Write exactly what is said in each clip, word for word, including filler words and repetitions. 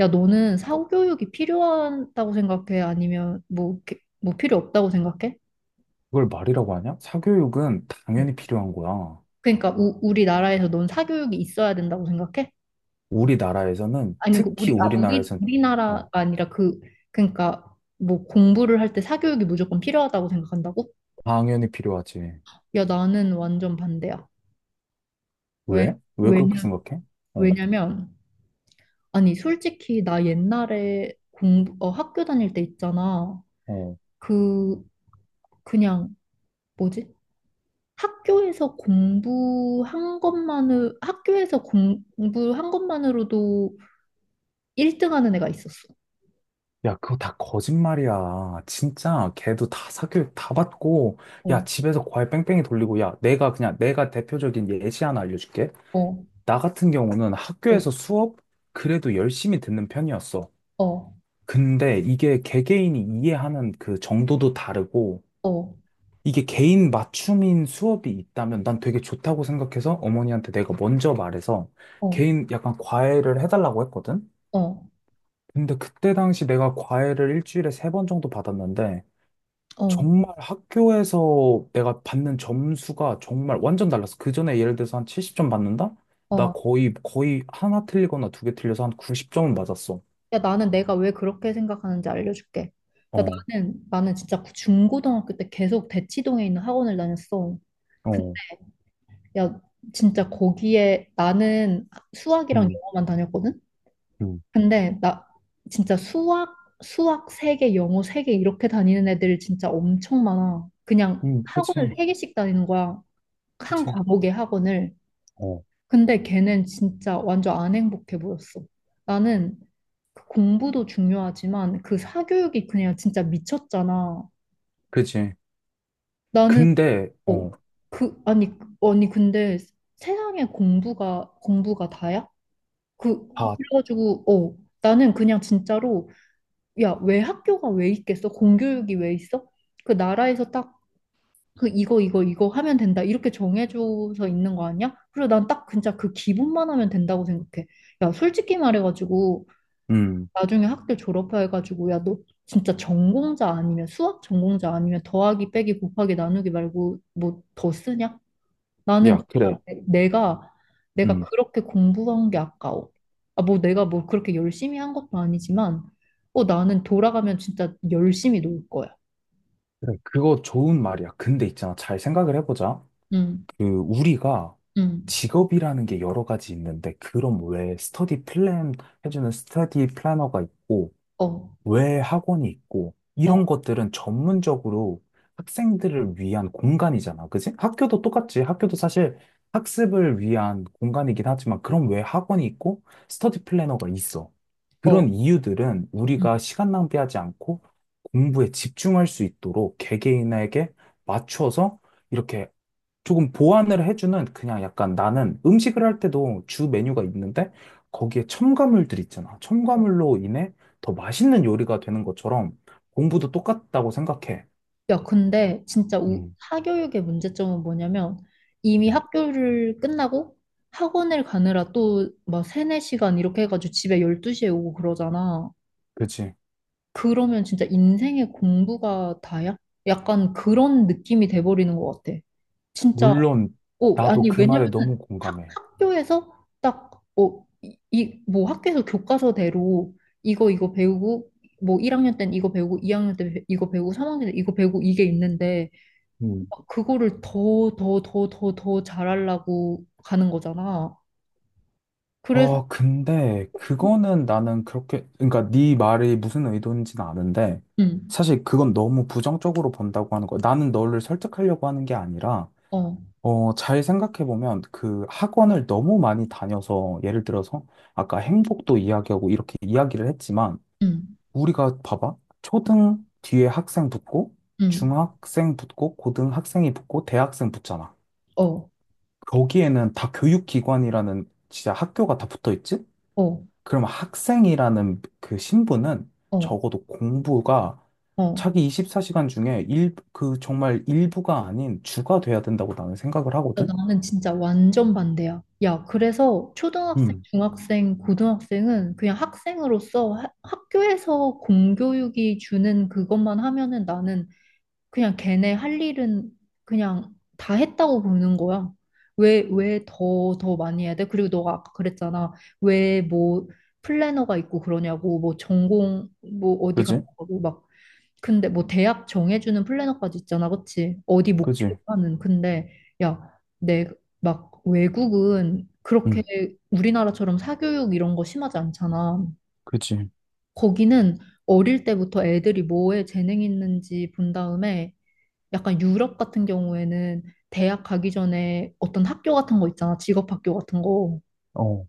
야, 너는 사교육이 필요하다고 생각해? 아니면 뭐, 이렇게- 뭐 필요 없다고 생각해? 그걸 말이라고 하냐? 사교육은 어. 당연히 필요한 거야. 그러니까 우, 우리나라에서 넌 사교육이 있어야 된다고 생각해? 우리나라에서는, 아니, 그 특히 우리, 아, 우리, 우리나라에서는, 우리나라가 어, 아니라. 그, 그러니까 뭐 공부를 할 때 사교육이 무조건 필요하다고 생각한다고? 당연히 필요하지. 야, 나는 완전 반대야. 왜, 왜? 왜 그렇게 왜냐, 생각해? 어, 왜냐면, 아니, 솔직히 나 옛날에 공부, 어, 학교 다닐 때 있잖아. 어. 그, 그냥, 뭐지? 학교에서 공부한 것만으로, 학교에서 공부한 것만으로도 일 등 하는 애가 있었어. 야, 그거 다 거짓말이야. 진짜 걔도 다 사교육 다 받고, 야, 어, 집에서 과외 뺑뺑이 돌리고, 야, 내가 그냥, 내가 대표적인 예시 하나 알려줄게. 어, 나 같은 경우는 어, 학교에서 수업 그래도 열심히 듣는 편이었어. 어, 근데 이게 개개인이 이해하는 그 정도도 다르고, 어, 이게 개인 맞춤인 수업이 있다면 난 되게 좋다고 생각해서 어머니한테 내가 먼저 말해서 어, 개인 약간 과외를 해달라고 했거든? 어, 근데 그때 당시 내가 과외를 일주일에 세 번 정도 받았는데 어, 정말 학교에서 내가 받는 점수가 정말 완전 달랐어. 그 전에 예를 들어서 한 칠십 점 받는다? 나 어. 거의, 거의 하나 틀리거나 두 개 틀려서 한 구십 점은 맞았어. 야, 나는 내가 왜 그렇게 생각하는지 알려줄게. 야, 어, 나는, 나는 진짜 그 중고등학교 때 계속 대치동에 있는 학원을 다녔어. 그- 어, 야, 진짜 거기에 나는 수학이랑 음, 영어만 다녔거든? 음, 근데 나 진짜 수학, 수학 세 개 영어 세 개 이렇게 다니는 애들 진짜 엄청 많아. 그냥 음, 그치, 학원을 세 개씩 다니는 거야. 한 그치, 과목의 학원을. 어, 근데 걔는 진짜 완전 안 행복해 보였어. 나는 그 공부도 중요하지만 그 사교육이 그냥 진짜 미쳤잖아. 그치. 나는, 근데, 어, 어, 그 아니, 아니 근데 세상에 공부가 공부가 다야? 그 다, 그래가지고 어 나는 그냥 진짜로, 야, 왜 학교가 왜 있겠어? 공교육이 왜 있어? 그 나라에서 딱 그 이거 이거 이거 하면 된다 이렇게 정해줘서 있는 거 아니야? 그리고 난 딱 진짜 그 기본만 하면 된다고 생각해. 야, 솔직히 말해가지고 음. 나중에 학교 졸업해가지고 야, 너 진짜 전공자 아니면 수학 전공자 아니면 더하기 빼기 곱하기 나누기 말고 뭐 더 쓰냐? 나는 야, 진짜 그래. 내- 내가 내가 음. 그렇게 공부한 게 아까워. 아, 뭐 내가 뭐 그렇게 열심히 한 것도 아니지만, 어, 나는 돌아가면 진짜 열심히 놀 거야. 그래. 그거 좋은 말이야. 근데 있잖아. 잘 생각을 해보자. 응, 그, 우리가 응, 직업이라는 게 여러 가지 있는데, 그럼 왜 스터디 플랜 해주는 스터디 플래너가 있고, 어, 왜 학원이 있고, 어, 이런 것들은 전문적으로 학생들을 위한 공간이잖아. 그지? 학교도 똑같지. 학교도 사실 학습을 위한 공간이긴 하지만, 그럼 왜 학원이 있고, 스터디 플래너가 있어? 어, 그런 이유들은 응, 우리가 시간 낭비하지 않고 공부에 집중할 수 있도록 개개인에게 맞춰서 이렇게 조금 보완을 해주는 그냥 약간 나는 음식을 할 때도 주 메뉴가 있는데 거기에 첨가물들 있잖아. 어. 첨가물로 인해 더 맛있는 요리가 되는 것처럼 공부도 똑같다고 생각해. 야, 근데 진짜 우, 음, 사교육의 문제점은 뭐냐면, 이미 음, 학교를 끝나고 학원을 가느라 또 막 세네 시간 이렇게 해가지고 집에 열두 시에 오고 그러잖아. 그치? 그러면 진짜 인생의 공부가 다야? 약간 그런 느낌이 돼버리는 것 같아. 진짜, 물론 어, 나도 아니, 그 왜냐면 말에 너무 학, 공감해. 학교에서 딱, 어, 이, 이- 뭐 학교에서 교과서대로 이거, 이거 배우고, 뭐 일 학년 땐 이거 배우고, 이 학년 때 배- 이거 배우고, 삼 학년 때 이거 배우고, 이게 있는데, 음, 그거를 더, 더, 더, 더, 더 잘하려고 가는 거잖아. 그래서, 어, 근데 그거는 나는 그렇게 그러니까 네 말이 무슨 의도인지는 아는데 응, 사실 그건 너무 부정적으로 본다고 하는 거야. 나는 너를 설득하려고 하는 게 아니라 어, 어, 잘 생각해보면 그 학원을 너무 많이 다녀서 예를 들어서 아까 행복도 이야기하고 이렇게 이야기를 했지만 응, 우리가 봐봐. 초등 뒤에 학생 붙고 응, 중학생 붙고 고등학생이 붙고 대학생 붙잖아. 어, 거기에는 다 교육기관이라는 진짜 학교가 다 붙어 있지? 어, 그럼 학생이라는 그 신분은 어, 적어도 공부가 어. 자기 이십사 시간 중에 일, 그 정말 일부가 아닌 주가 돼야 된다고 나는 생각을 야, 하거든? 나는 진짜 완전 반대야. 야, 그래서 초등학생, 음, 중학생, 고등학생은 그냥 학생으로서 하- 학교에서 공교육이 주는 그것만 하면은 나는 그냥 걔네 할 일은 그냥 다 했다고 보는 거야. 왜, 왜 더, 더 많이 해야 돼? 그리고 너가 아까 그랬잖아. 왜 뭐 플래너가 있고 그러냐고, 뭐 전공, 뭐 어디 그지? 가고, 막 근데 뭐 대학 정해주는 플래너까지 있잖아, 그치? 어디 그지? 목표하는. 근데 야, 내 막 외국은 그렇게 응, 우리나라처럼 사교육 이런 거 심하지 않잖아. 그지? 거기는 어릴 때부터 애들이 뭐에 재능 있는지 본 다음에 약간 유럽 같은 경우에는 대학 가기 전에 어떤 학교 같은 거 있잖아, 직업 학교 같은 거. 어,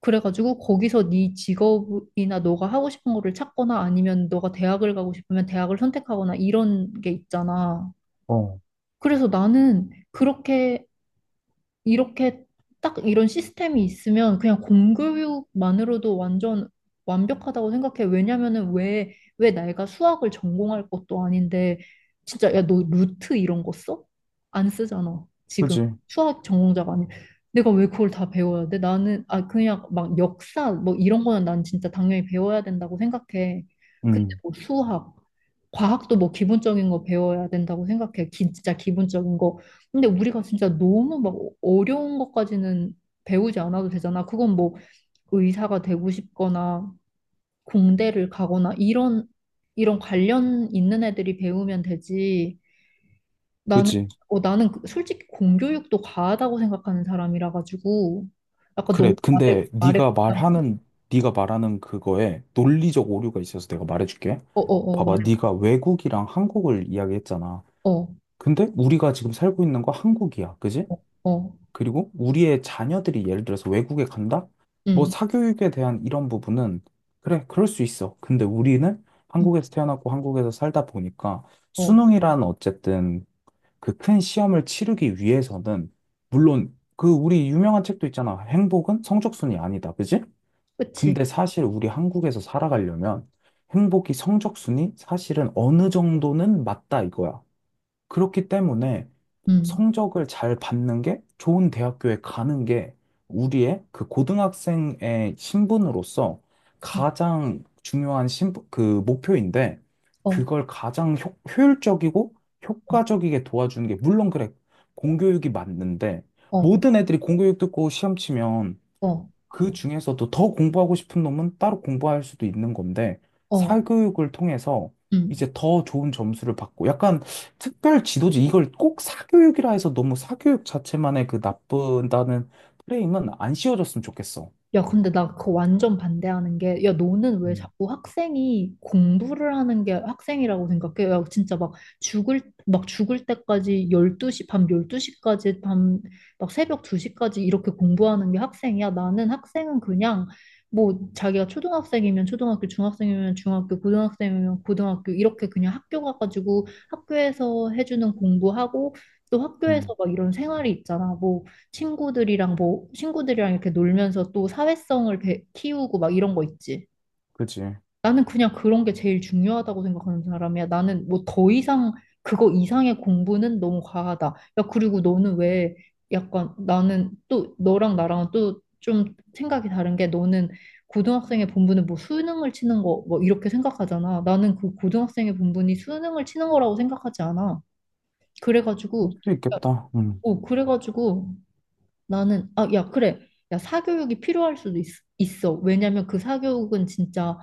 그래가지고 거기서 네 직업이나 너가 하고 싶은 거를 찾거나 아니면 너가 대학을 가고 싶으면 대학을 선택하거나 이런 게 있잖아. 어, 그래서 나는 그렇게 이렇게 딱 이런 시스템이 있으면 그냥 공교육만으로도 완전 완벽하다고 생각해. 왜냐면은 왜, 왜 내가 수학을 전공할 것도 아닌데, 진짜 야, 너 루트 이런 거 써? 안 쓰잖아. 지금 그지? 수학 전공자가 아니. 내가 왜 그걸 다 배워야 돼? 나는, 아, 그냥 막 역사 뭐 이런 거는 난 진짜 당연히 배워야 된다고 생각해. 근데 응, 뭐 수학 과학도 뭐 기본적인 거 배워야 된다고 생각해. 진짜 기본적인 거. 근데 우리가 진짜 너무 막 어려운 것까지는 배우지 않아도 되잖아. 그건 뭐 의사가 되고 싶거나 공대를 가거나 이런 이런 관련 있는 애들이 배우면 되지. 나는 그지? 어 나는 그- 솔직히 공교육도 과하다고 생각하는 사람이라 가지고 아까 그래. 너무 말에 근데 말에 네가 말하는 네가 말하는 그거에 논리적 오류가 있어서 내가 말해줄게. 어어어, 봐봐, 말해. 네가 외국이랑 한국을 이야기했잖아. 어어어. 근데 우리가 지금 살고 있는 거 한국이야, 그지? 그리고 우리의 자녀들이 예를 들어서 외국에 간다? 뭐 음. 사교육에 대한 이런 부분은 그래, 그럴 수 있어. 근데 우리는 음, 한국에서 태어났고 한국에서 살다 보니까 어, 수능이란 어쨌든 그 큰 시험을 치르기 위해서는 물론 그 우리 유명한 책도 있잖아. 행복은 성적순이 아니다. 그지? 그치. 근데 사실 우리 한국에서 살아가려면 행복이 성적순이 사실은 어느 정도는 맞다 이거야. 그렇기 때문에 음, 성적을 잘 받는 게 좋은 대학교에 가는 게 우리의 그 고등학생의 신분으로서 음, 가장 중요한 신분, 그 목표인데 어, 그걸 가장 효, 효율적이고 어. 효과적이게 도와주는 게 물론 그래 공교육이 맞는데 어, 모든 애들이 공교육 듣고 시험 치면 어, 그 중에서도 더 공부하고 싶은 놈은 따로 공부할 수도 있는 건데, 어, 사교육을 통해서 음. 이제 더 좋은 점수를 받고, 약간 특별 지도지, 이걸 꼭 사교육이라 해서 너무 사교육 자체만의 그 나쁘다는 프레임은 안 씌워줬으면 좋겠어. 야, 근데 나 그거 완전 반대하는 게, 야, 너는 왜 음, 자꾸 학생이 공부를 하는 게 학생이라고 생각해? 야, 진짜 막 죽을, 막 죽을 때까지 열두 시밤 열두 시까지, 밤, 막 새벽 두 시까지 이렇게 공부하는 게 학생이야? 나는 학생은 그냥, 뭐, 자기가 초등학생이면 초등학교, 중학생이면 중학교, 고등학생이면 고등학교, 이렇게 그냥 학교 가가지고 학교에서 해주는 공부하고, 또 학교에서 음, 막 이런 생활이 있잖아. 뭐 친구들이랑 뭐 친구들이랑 이렇게 놀면서 또 사회성을 배- 키우고 막 이런 거 있지. 그지. 나는 그냥 그런 게 제일 중요하다고 생각하는 사람이야. 나는 뭐 더 이상 그거 이상의 공부는 너무 과하다. 야, 그리고 너는 왜 약간 나는 또 너랑 나랑은 또 좀 생각이 다른 게 너는 고등학생의 본분은 뭐 수능을 치는 거 뭐 이렇게 생각하잖아. 나는 그 고등학생의 본분이 수능을 치는 거라고 생각하지 않아. 그럴 그래가지고, 수도 야, 있겠다. 음, 어, 그래가지고 나는, 아, 야, 그래. 야, 사교육이 필요할 수도 있, 있어. 왜냐면 그 사교육은 진짜,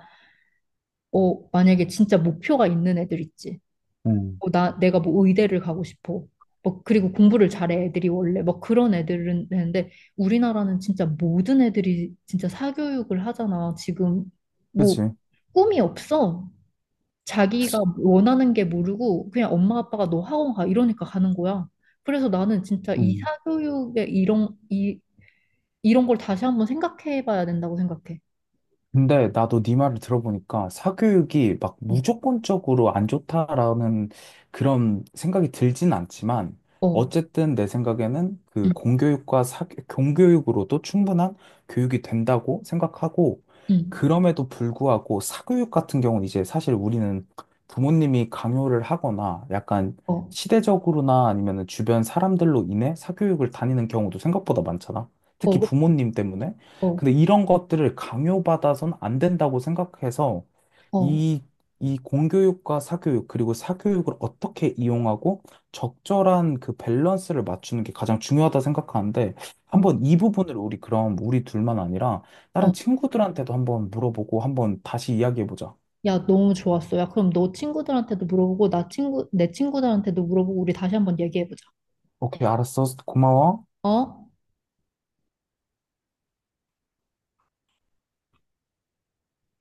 어, 만약에 진짜 목표가 있는 애들 있지. 음, 어, 나 내가 뭐 의대를 가고 싶어. 뭐 그리고 공부를 잘해 애들이 원래 뭐 그런 애들은 되는데 우리나라는 진짜 모든 애들이 진짜 사교육을 하잖아. 지금 뭐 그지. 꿈이 없어. 자기가 원하는 게 모르고 그냥 엄마 아빠가 너 학원 가 이러니까 가는 거야. 그래서 나는 진짜 이 음. 사교육의 이런 이 이런 걸 다시 한번 생각해 봐야 된다고 생각해. 근데 나도 네 말을 들어보니까 사교육이 막 음, 무조건적으로 안 좋다라는 그런 생각이 들진 않지만 어, 어쨌든 내 생각에는 응, 그 공교육과 사, 공교육으로도 충분한 교육이 된다고 생각하고 응, 그럼에도 불구하고 사교육 같은 경우는 이제 사실 우리는 부모님이 강요를 하거나 약간 어, 시대적으로나 아니면 주변 사람들로 인해 사교육을 다니는 경우도 생각보다 많잖아. 어, 특히 그- 부모님 때문에. 어, 근데 이런 것들을 강요받아선 안 된다고 생각해서 어, 이, 이 공교육과 사교육, 그리고 사교육을 어떻게 이용하고 적절한 그 밸런스를 맞추는 게 가장 중요하다 생각하는데 어, 한번 이 부분을 우리 그럼 우리 둘만 아니라 어. 다른 친구들한테도 한번 물어보고 한번 다시 이야기해보자. 야, 너무 좋았어. 야, 그럼 너 친구들한테도 물어보고, 나 친구, 내 친구들한테도 물어보고, 우리 다시 한번 얘기해 보자. 오케이, 알았어. 고마워. 어?